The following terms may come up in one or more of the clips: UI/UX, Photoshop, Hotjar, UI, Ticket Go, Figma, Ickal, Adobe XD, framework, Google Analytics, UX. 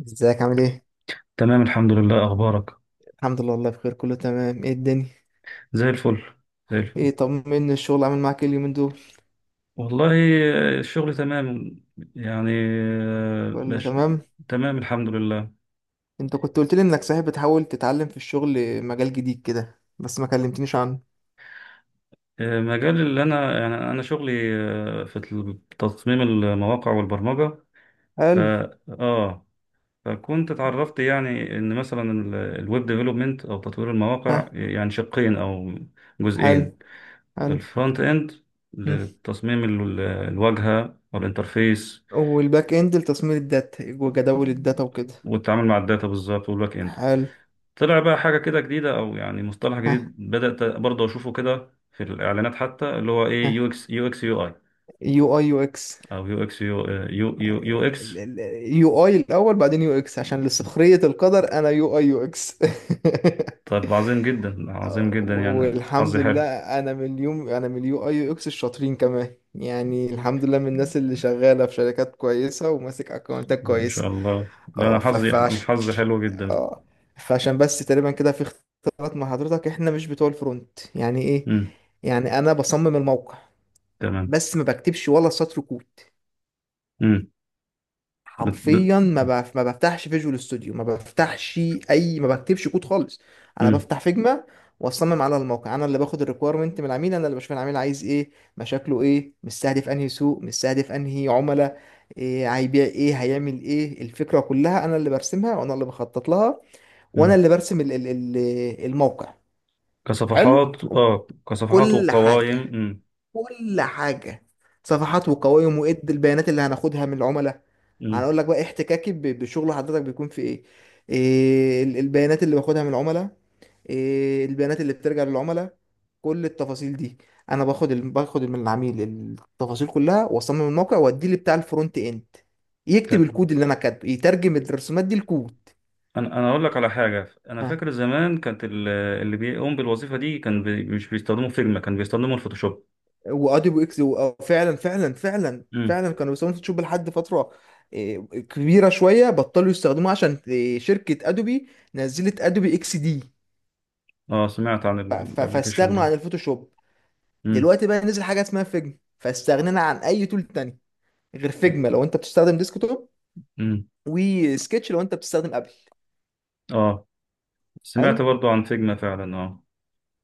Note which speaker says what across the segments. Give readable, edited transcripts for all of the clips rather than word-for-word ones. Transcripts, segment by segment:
Speaker 1: ازيك عامل ايه؟
Speaker 2: تمام، الحمد لله. أخبارك؟
Speaker 1: الحمد لله والله بخير، كله تمام. ايه الدنيا؟
Speaker 2: زي الفل، زي الفل.
Speaker 1: ايه، طمني الشغل عامل معاك ايه اليومين دول؟
Speaker 2: والله. آه، الشغل تمام. يعني
Speaker 1: كله
Speaker 2: باش.
Speaker 1: تمام؟
Speaker 2: تمام، الحمد لله.
Speaker 1: انت كنت قلت لي انك صحيح بتحاول تتعلم في الشغل مجال جديد كده، بس ما كلمتنيش عنه.
Speaker 2: آه، مجال اللي أنا، يعني أنا شغلي، في تصميم المواقع والبرمجة. ف
Speaker 1: حلو.
Speaker 2: آه فكنت اتعرفت، يعني إن مثلا الويب ديفلوبمنت أو تطوير المواقع،
Speaker 1: ها.
Speaker 2: يعني شقين أو
Speaker 1: حلو.
Speaker 2: جزئين.
Speaker 1: حلو.
Speaker 2: الفرونت إند،
Speaker 1: مم.
Speaker 2: لتصميم الواجهة والإنترفيس.
Speaker 1: والباك اند لتصميم الداتا وجداول الداتا وكده.
Speaker 2: والتعامل مع الداتا بالظبط، والباك اند.
Speaker 1: حلو.
Speaker 2: طلع بقى حاجه كده جديده، او يعني مصطلح
Speaker 1: ها.
Speaker 2: جديد بدات برضه اشوفه كده في الاعلانات، حتى اللي هو ايه،
Speaker 1: ها.
Speaker 2: يو اكس، يو اي،
Speaker 1: يو اي يو اكس.
Speaker 2: او يو اكس، يو اكس.
Speaker 1: يو اي الاول بعدين يو اكس، عشان لسخرية القدر انا يو اي يو اكس
Speaker 2: طب، عظيم جدا، عظيم جدا،
Speaker 1: و-
Speaker 2: يعني
Speaker 1: والحمد
Speaker 2: حظي
Speaker 1: لله.
Speaker 2: حلو.
Speaker 1: انا من اليو اي يو اكس الشاطرين كمان، يعني الحمد لله من الناس اللي شغاله في شركات كويسه وماسك اكونتات
Speaker 2: ما
Speaker 1: كويسه.
Speaker 2: شاء الله. لا،
Speaker 1: اه ف-
Speaker 2: انا
Speaker 1: فعش...
Speaker 2: حظي حلو جدا.
Speaker 1: اه، فعشان بس تقريبا كده في اختلاط مع حضرتك، احنا مش بتوع الفرونت. يعني ايه؟
Speaker 2: امم.
Speaker 1: يعني انا بصمم الموقع
Speaker 2: تمام.
Speaker 1: بس ما بكتبش ولا سطر كود.
Speaker 2: امم. بت- بت-
Speaker 1: حرفيا ما بفتحش فيجوال ستوديو، ما بفتحش اي، ما بكتبش كود خالص. انا
Speaker 2: امم.
Speaker 1: بفتح فيجما واصمم على الموقع. انا اللي باخد الريكويرمنت من العميل، انا اللي بشوف العميل عايز ايه، مشاكله ايه، مستهدف انهي سوق، مستهدف انهي عملاء، إيه هيبيع، ايه هيعمل. ايه الفكره كلها انا اللي برسمها وانا اللي بخطط لها، وانا
Speaker 2: امم.
Speaker 1: اللي برسم الموقع. حلو وب-
Speaker 2: كصفحات
Speaker 1: كل
Speaker 2: وقوائم.
Speaker 1: حاجه،
Speaker 2: امم.
Speaker 1: كل حاجة. صفحات وقوائم وإد البيانات اللي هناخدها من العملاء. هنقول لك بقى احتكاكي بشغل حضرتك بيكون في إيه. إيه البيانات اللي باخدها من العملاء، إيه البيانات اللي بترجع للعملاء، كل التفاصيل دي. أنا باخد من العميل التفاصيل كلها، وأصمم الموقع وأديه لبتاع الفرونت إند يكتب
Speaker 2: امم.
Speaker 1: الكود. اللي أنا كاتبه يترجم الرسومات دي لكود.
Speaker 2: انا اقول لك على حاجه، انا فاكر زمان كانت اللي بيقوم بالوظيفه دي كان مش بيستخدموا فيجما، كان بيستخدموا الفوتوشوب.
Speaker 1: واديبو اكس، فعلا فعلا فعلا
Speaker 2: امم.
Speaker 1: فعلا كانوا بيستخدموا فوتوشوب لحد فتره. إيه، كبيره شويه بطلوا يستخدموه، عشان إيه، شركه ادوبي نزلت ادوبي اكس دي.
Speaker 2: اه، سمعت عن
Speaker 1: ف- ف-
Speaker 2: الابلكيشن
Speaker 1: فاستغنوا
Speaker 2: ده.
Speaker 1: عن الفوتوشوب.
Speaker 2: امم.
Speaker 1: دلوقتي بقى نزل حاجه اسمها فيجما، فاستغنينا عن اي تول تاني غير فيجما لو انت بتستخدم ديسكتوب،
Speaker 2: امم.
Speaker 1: وسكتش لو انت بتستخدم ابل.
Speaker 2: اه،
Speaker 1: حلو.
Speaker 2: سمعت برضو عن فيجما فعلا، اه.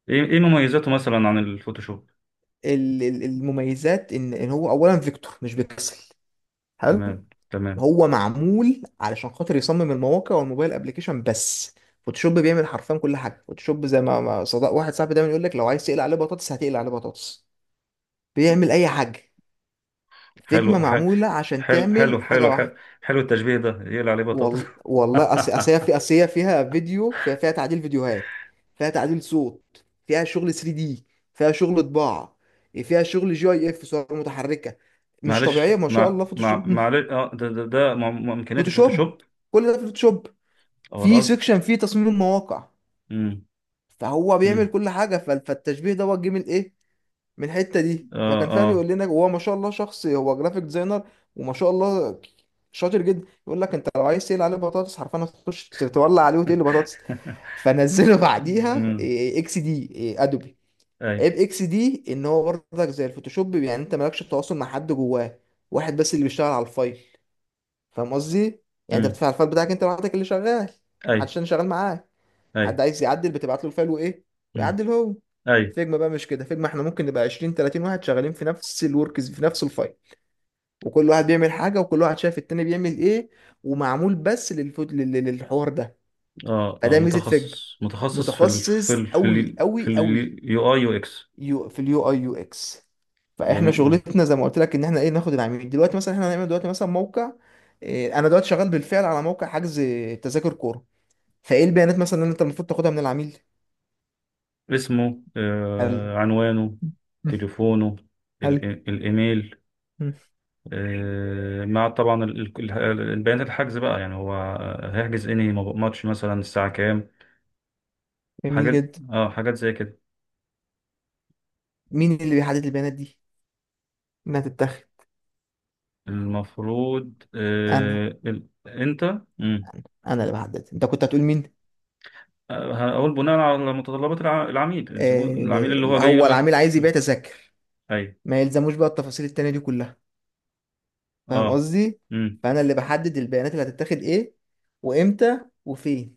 Speaker 2: ايه، ايه مميزاته مثلا عن الفوتوشوب؟
Speaker 1: المميزات ان هو اولا فيكتور مش بيكسل. حلو.
Speaker 2: تمام، تمام.
Speaker 1: هو معمول علشان خاطر يصمم المواقع والموبايل ابلكيشن بس. فوتوشوب بيعمل حرفيا كل حاجه. فوتوشوب زي ما صدق واحد صاحبي دايما يقول لك، لو عايز تقلي عليه بطاطس هتقلي عليه بطاطس. بيعمل اي حاجه. فيجما
Speaker 2: حلو،
Speaker 1: معموله عشان
Speaker 2: حلو،
Speaker 1: تعمل
Speaker 2: حلو،
Speaker 1: حاجه
Speaker 2: حلو، حلو.
Speaker 1: واحده.
Speaker 2: حلو التشبيه ده، يقلع عليه بطاطس.
Speaker 1: وال... والله أصل هي أصل هي فيها فيديو، فيها تعديل فيديوهات، فيها تعديل صوت، فيها شغل 3 دي، فيها شغل طباعه، فيها شغل جي اي اف صور متحركه. مش
Speaker 2: معلش
Speaker 1: طبيعيه ما شاء
Speaker 2: مع
Speaker 1: الله
Speaker 2: مع
Speaker 1: فوتوشوب
Speaker 2: معلش. اه ده امكانيات
Speaker 1: فوتوشوب،
Speaker 2: الفوتوشوب.
Speaker 1: كل ده في فوتوشوب.
Speaker 2: او
Speaker 1: في
Speaker 2: القصد.
Speaker 1: سيكشن فيه تصميم المواقع.
Speaker 2: امم.
Speaker 1: فهو بيعمل
Speaker 2: امم.
Speaker 1: كل حاجه. فالتشبيه دوت جه من ايه؟ من الحته دي.
Speaker 2: اه،
Speaker 1: فكان فعلا
Speaker 2: آه.
Speaker 1: يقول لنا، هو ما شاء الله شخص هو جرافيك ديزاينر وما شاء الله شاطر جدا، يقول لك انت لو عايز تقلي عليه بطاطس حرفيا هتخش تولع عليه وتقلي بطاطس. فنزله بعديها
Speaker 2: امم.
Speaker 1: إيه، إيه، اكس دي إيه، ادوبي.
Speaker 2: اي.
Speaker 1: عيب اكس دي ان هو برضك زي الفوتوشوب، يعني انت مالكش تواصل مع حد جواه. واحد بس اللي بيشتغل على الفايل، فاهم قصدي؟ يعني انت
Speaker 2: امم.
Speaker 1: بتدفع الفايل بتاعك، انت لوحدك اللي شغال،
Speaker 2: اي،
Speaker 1: محدش تاني شغال معاك.
Speaker 2: اي.
Speaker 1: حد عايز يعدل بتبعت له الفايل وايه،
Speaker 2: امم.
Speaker 1: ويعدل هو.
Speaker 2: اي.
Speaker 1: فيجما بقى مش كده. فيجما احنا ممكن نبقى 20 30 واحد شغالين في نفس الوركز في نفس الفايل، وكل واحد بيعمل حاجه، وكل واحد شايف التاني بيعمل ايه. ومعمول بس للفوت للحوار ده.
Speaker 2: اه، اه،
Speaker 1: فده ميزه فيجما.
Speaker 2: متخصص، متخصص
Speaker 1: متخصص قوي
Speaker 2: في
Speaker 1: قوي قوي
Speaker 2: اليو اي يو اكس.
Speaker 1: يو في اليو اي يو اكس. فاحنا
Speaker 2: جميل. مم.
Speaker 1: شغلتنا زي ما قلت لك ان احنا ايه، ناخد العميل. دلوقتي مثلا احنا هنعمل دلوقتي مثلا موقع إيه. انا دلوقتي شغال بالفعل على موقع حجز تذاكر كوره. فايه البيانات مثلا اللي انت المفروض تاخدها من العميل؟
Speaker 2: اسمه،
Speaker 1: هل،
Speaker 2: آه، عنوانه، تليفونه،
Speaker 1: هل،
Speaker 2: الايميل، مع، طبعا، البيانات الحجز بقى، يعني هو هيحجز انهي ماتش مثلا، الساعة كام.
Speaker 1: جميل
Speaker 2: حاجات.
Speaker 1: جدا.
Speaker 2: اه، حاجات زي كده.
Speaker 1: مين اللي بيحدد البيانات دي انها تتاخد؟
Speaker 2: المفروض
Speaker 1: انا
Speaker 2: انت. مم.
Speaker 1: انا أنا اللي بحدد. انت كنت هتقول مين؟
Speaker 2: آه، هقول بناء على متطلبات العميل، الزبون، العميل
Speaker 1: آه.
Speaker 2: اللي هو جاي
Speaker 1: هو
Speaker 2: يقول
Speaker 1: العميل
Speaker 2: لك.
Speaker 1: عايز يبيع تذاكر،
Speaker 2: ايوه.
Speaker 1: ما يلزموش بقى التفاصيل التانية دي كلها. فاهم
Speaker 2: اه.
Speaker 1: قصدي؟
Speaker 2: امم.
Speaker 1: فانا اللي بحدد البيانات اللي هتتاخد ايه، وامتى، وفين.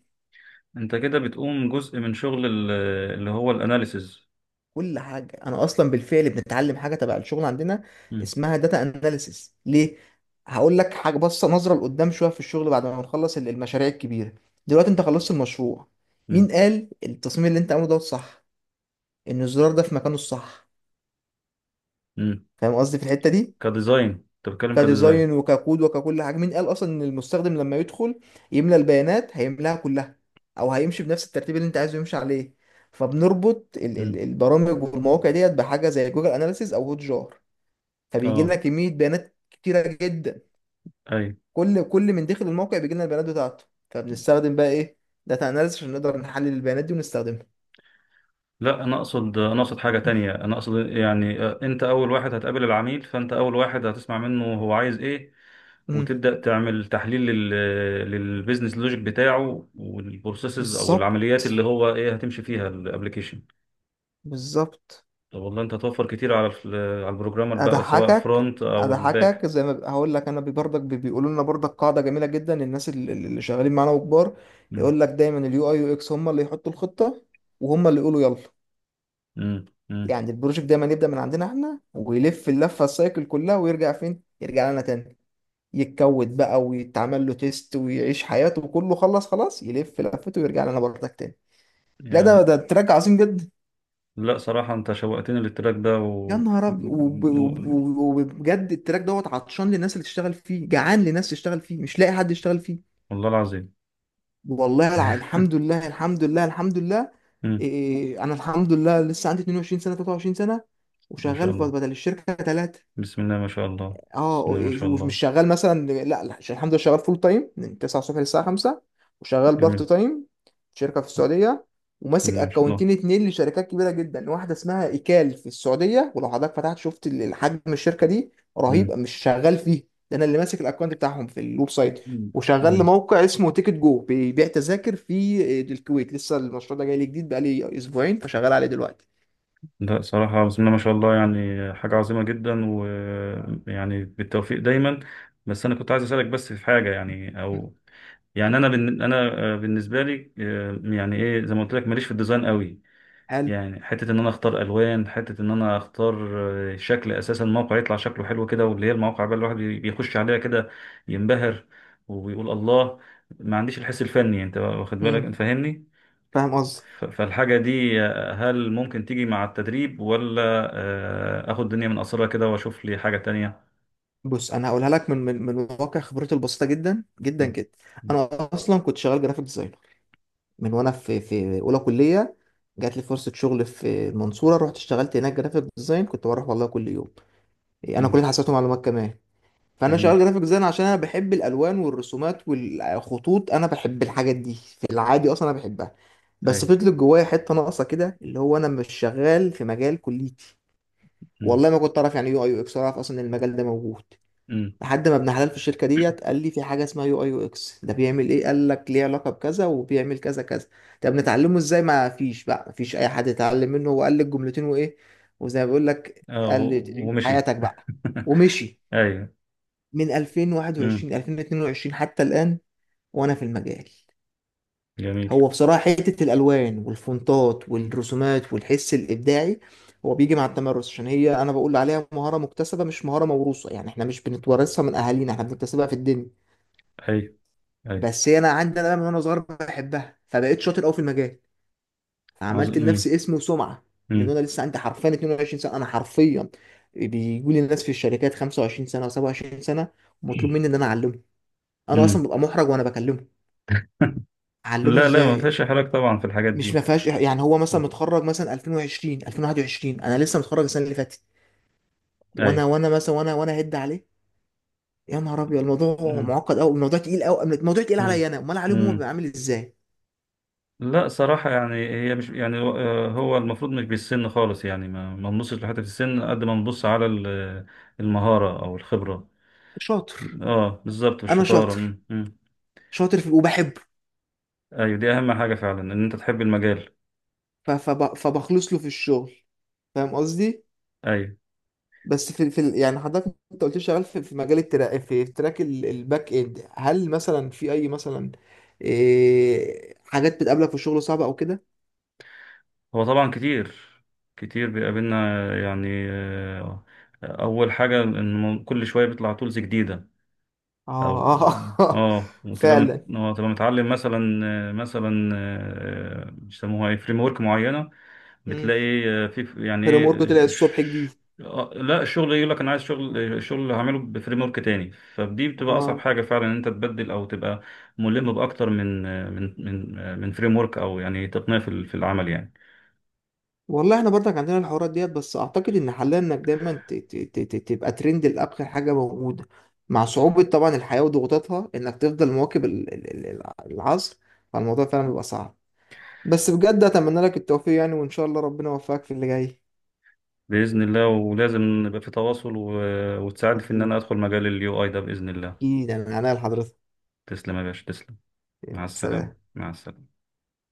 Speaker 2: انت كده بتقوم جزء من شغل اللي هو الاناليسز.
Speaker 1: كل حاجة. أنا أصلا بالفعل بنتعلم حاجة تبع الشغل عندنا
Speaker 2: امم.
Speaker 1: اسمها داتا أناليسيس. ليه؟ هقول لك حاجة، بصة نظرة لقدام شوية في الشغل. بعد ما نخلص المشاريع الكبيرة، دلوقتي أنت خلصت المشروع.
Speaker 2: امم.
Speaker 1: مين قال التصميم اللي أنت عامله ده صح؟ إن الزرار ده في مكانه الصح؟
Speaker 2: امم.
Speaker 1: فاهم قصدي في الحتة دي؟
Speaker 2: كديزاين، انت بتتكلم
Speaker 1: كديزاين
Speaker 2: كديزاين؟
Speaker 1: وككود وككل حاجة. مين قال أصلا إن المستخدم لما يدخل يملى البيانات هيملاها كلها؟ أو هيمشي بنفس الترتيب اللي أنت عايزه يمشي عليه؟ فبنربط
Speaker 2: امم.
Speaker 1: البرامج والمواقع ديت بحاجة زي جوجل أناليسيز أو هوت جار. فبيجي لنا
Speaker 2: اه،
Speaker 1: كمية بيانات كتيرة جدا.
Speaker 2: ايوه.
Speaker 1: كل من داخل الموقع بيجي لنا البيانات بتاعته. فبنستخدم بقى ايه، داتا اناليسيس، عشان نقدر نحلل البيانات دي ونستخدمها.
Speaker 2: لا، انا اقصد حاجه تانية، انا اقصد يعني انت اول واحد هتقابل العميل، فانت اول واحد هتسمع منه هو عايز ايه.
Speaker 1: أمم،
Speaker 2: وتبدا تعمل تحليل للبيزنس لوجيك بتاعه، والبروسيسز او
Speaker 1: بالظبط،
Speaker 2: العمليات اللي هو ايه هتمشي فيها الابلكيشن.
Speaker 1: بالظبط.
Speaker 2: طب، والله انت توفر كتير على البروجرامر بقى، سواء
Speaker 1: اضحكك،
Speaker 2: فرونت او
Speaker 1: اضحكك
Speaker 2: الباك.
Speaker 1: زي ما ب- هقول لك، انا بيقولوا لنا برضك قاعده جميله جدا الناس اللي شغالين معانا وكبار.
Speaker 2: مم.
Speaker 1: يقول لك دايما اليو اي يو اكس هم اللي يحطوا الخطه، وهم اللي يقولوا يلا.
Speaker 2: مم. مم.
Speaker 1: يعني البروجكت دايما يبدا من عندنا احنا، ويلف اللفه السايكل كلها، ويرجع فين؟ يرجع لنا تاني. يتكود بقى ويتعمل له تيست ويعيش حياته، وكله خلص خلاص يلف لفته ويرجع لنا بردك تاني. لا، ده
Speaker 2: يعني.
Speaker 1: تراك عظيم جدا.
Speaker 2: لا صراحة انت شوقتني للتراك ده.
Speaker 1: يا نهار ابيض
Speaker 2: و...
Speaker 1: وبجد التراك دوت عطشان للناس اللي تشتغل فيه، جعان لناس تشتغل فيه، مش لاقي حد يشتغل فيه.
Speaker 2: والله العظيم.
Speaker 1: الحمد لله، الحمد لله، الحمد لله. إيه،
Speaker 2: مم.
Speaker 1: إيه، إيه، انا الحمد لله لسه عندي 22 سنه 23 سنه،
Speaker 2: ما شاء
Speaker 1: وشغال
Speaker 2: الله.
Speaker 1: بدل الشركه 3.
Speaker 2: بسم الله ما شاء الله.
Speaker 1: اه.
Speaker 2: بسم الله ما شاء
Speaker 1: ومش
Speaker 2: الله.
Speaker 1: شغال مثلا لا لا، عشان الحمد لله شغال فول تايم من 9 الصبح للساعه 5، وشغال بارت
Speaker 2: جميل.
Speaker 1: تايم في شركه في السعوديه.
Speaker 2: بسم
Speaker 1: وماسك
Speaker 2: الله ما شاء الله.
Speaker 1: اكونتين اتنين لشركات كبيره جدا، واحده اسمها ايكال في السعوديه، ولو حضرتك فتحت شفت حجم الشركه دي رهيب،
Speaker 2: مم.
Speaker 1: مش شغال فيه. ده انا اللي ماسك الاكونت بتاعهم في الويب سايت. وشغال
Speaker 2: مم.
Speaker 1: لموقع اسمه تيكت جو بيبيع تذاكر في الكويت، لسه المشروع ده جاي لي جديد بقالي اسبوعين، فشغال عليه دلوقتي.
Speaker 2: لا صراحة، بسم الله ما شاء الله، يعني حاجة عظيمة جدا، ويعني بالتوفيق دايما. بس أنا كنت عايز أسألك، بس في حاجة، يعني،
Speaker 1: مم.
Speaker 2: أو يعني أنا أنا بالنسبة لي، يعني إيه، زي ما قلت لك ماليش في الديزاين قوي.
Speaker 1: حلو.
Speaker 2: يعني حتة إن أنا أختار ألوان، حتة إن أنا أختار شكل أساسا الموقع يطلع شكله حلو كده، واللي هي المواقع بقى، الواحد بيخش عليها كده، ينبهر، ويقول الله. ما عنديش الحس الفني. أنت واخد بالك؟
Speaker 1: مم.
Speaker 2: أنت فاهمني؟
Speaker 1: فاهم قصدك.
Speaker 2: فالحاجة دي، هل ممكن تيجي مع التدريب، ولا اخد الدنيا من قصرها كده، واشوف لي حاجة تانية؟
Speaker 1: بص انا هقولها لك من واقع خبرتي البسيطه جدا جدا
Speaker 2: مم.
Speaker 1: جدا.
Speaker 2: مم.
Speaker 1: انا اصلا كنت شغال جرافيك ديزاينر من وانا في اولى كليه. جات لي فرصه شغل في المنصوره، رحت اشتغلت هناك جرافيك ديزاين، كنت بروح والله كل يوم. انا
Speaker 2: مم.
Speaker 1: كليه حاسبات ومعلومات كمان. فانا شغال
Speaker 2: جميل.
Speaker 1: جرافيك ديزاين عشان انا بحب الالوان والرسومات والخطوط. انا بحب الحاجات دي في العادي اصلا، انا بحبها.
Speaker 2: اي.
Speaker 1: بس فضلت جوايا حته ناقصه كده، اللي هو انا مش شغال في مجال كليتي.
Speaker 2: مم.
Speaker 1: والله ما كنت اعرف يعني ايه يو اي يو اكس، اعرف اصلا ان المجال ده موجود،
Speaker 2: مم.
Speaker 1: لحد ما ابن حلال في الشركه ديت قال لي في حاجه اسمها يو اي يو اكس. ده بيعمل ايه؟ قال لك ليه علاقه بكذا وبيعمل كذا كذا. طب نتعلمه ازاي؟ ما فيش بقى، ما فيش اي حد يتعلم منه. هو قال لي الجملتين وايه، وزي ما بيقول لك
Speaker 2: اه،
Speaker 1: قال لي تعيش
Speaker 2: ومشي.
Speaker 1: حياتك بقى. ومشي.
Speaker 2: ايوه.
Speaker 1: من
Speaker 2: مم.
Speaker 1: 2021 2022 حتى الان وانا في المجال.
Speaker 2: جميل.
Speaker 1: هو بصراحه حته الالوان والفونتات والرسومات والحس الابداعي، هو بيجي مع التمرس. عشان هي انا بقول عليها مهاره مكتسبه مش مهاره موروثه، يعني احنا مش بنتورثها من اهالينا، احنا بنكتسبها في الدنيا.
Speaker 2: اي، اي.
Speaker 1: بس هي انا عندي انا بقى من وانا صغير بحبها، فبقيت شاطر قوي في المجال، فعملت
Speaker 2: مم.
Speaker 1: لنفسي اسم وسمعه من
Speaker 2: مم.
Speaker 1: وانا لسه عندي حرفيا 22 سنه. انا حرفيا بيجوا لي الناس في الشركات 25 سنه و27 سنه، ومطلوب مني ان انا اعلمه. انا اصلا
Speaker 2: مم.
Speaker 1: ببقى محرج وانا بكلمه اعلمه
Speaker 2: لا، لا، ما
Speaker 1: ازاي.
Speaker 2: فيش حرج طبعا في الحاجات
Speaker 1: مش ما
Speaker 2: دي.
Speaker 1: فيهاش يعني، هو مثلا
Speaker 2: مم.
Speaker 1: متخرج مثلا 2020 2021، انا لسه متخرج السنه اللي فاتت،
Speaker 2: اي.
Speaker 1: وانا وانا مثلا وانا وانا هد عليه. يا نهار ابيض الموضوع
Speaker 2: مم.
Speaker 1: معقد قوي، الموضوع تقيل قوي، الموضوع تقيل
Speaker 2: مم.
Speaker 1: عليا انا، امال عليهم هم
Speaker 2: مم.
Speaker 1: بيبقى عامل ازاي.
Speaker 2: لا صراحة، يعني هي مش، يعني هو المفروض مش بالسن خالص، يعني ما نبصش لحتة السن قد ما نبص على المهارة أو الخبرة.
Speaker 1: شاطر.
Speaker 2: اه، بالظبط،
Speaker 1: انا
Speaker 2: الشطارة.
Speaker 1: شاطر،
Speaker 2: مم، مم.
Speaker 1: شاطر في وبحبه.
Speaker 2: أيوة، دي أهم حاجة فعلا، إن أنت تحب المجال.
Speaker 1: فبخلص له في الشغل، فاهم قصدي.
Speaker 2: أيوة.
Speaker 1: بس في يعني حضرتك انت قلت لي شغال في مجال التراك، في تراك الباك اند، هل مثلا في اي مثلا إيه حاجات بتقابلك في الشغل صعبه او كده؟
Speaker 2: هو طبعا كتير، كتير بيقابلنا. يعني، أول حاجة إن كل شوية بيطلع تولز جديدة، أو
Speaker 1: اه
Speaker 2: وتبقى مت...
Speaker 1: فعلا.
Speaker 2: آه، تبقى متعلم مثلا، مثلا بيسموها ايه، فريم ورك معينة.
Speaker 1: امم،
Speaker 2: بتلاقي في، يعني
Speaker 1: فريم ورك طلع
Speaker 2: ايه،
Speaker 1: الصبح جديد.
Speaker 2: لا الشغل يقول لك انا عايز شغل، شغل هعمله بفريم ورك تاني، فدي بتبقى اصعب
Speaker 1: اه.
Speaker 2: حاجه فعلا، ان انت تبدل او تبقى ملم باكتر من، من فريم ورك، او يعني تقنيه في في العمل، يعني.
Speaker 1: والله احنا برضك عندنا الحوارات ديت، بس اعتقد ان حلها انك دايما تبقى ترند لاخر حاجه موجوده، مع صعوبه طبعا الحياه وضغوطاتها، انك تفضل مواكب العصر. فالموضوع فعلا بيبقى صعب، بس بجد اتمنى لك التوفيق، يعني وان شاء الله ربنا يوفقك في اللي جاي.
Speaker 2: باذن الله. ولازم نبقى في تواصل، وتساعد في ان انا ادخل مجال اليو اي ده باذن الله.
Speaker 1: اكيد يعني، من عناية لحضرتك.
Speaker 2: تسلم يا باشا، تسلم. مع
Speaker 1: يلا
Speaker 2: السلامه،
Speaker 1: سلام.
Speaker 2: مع السلامه.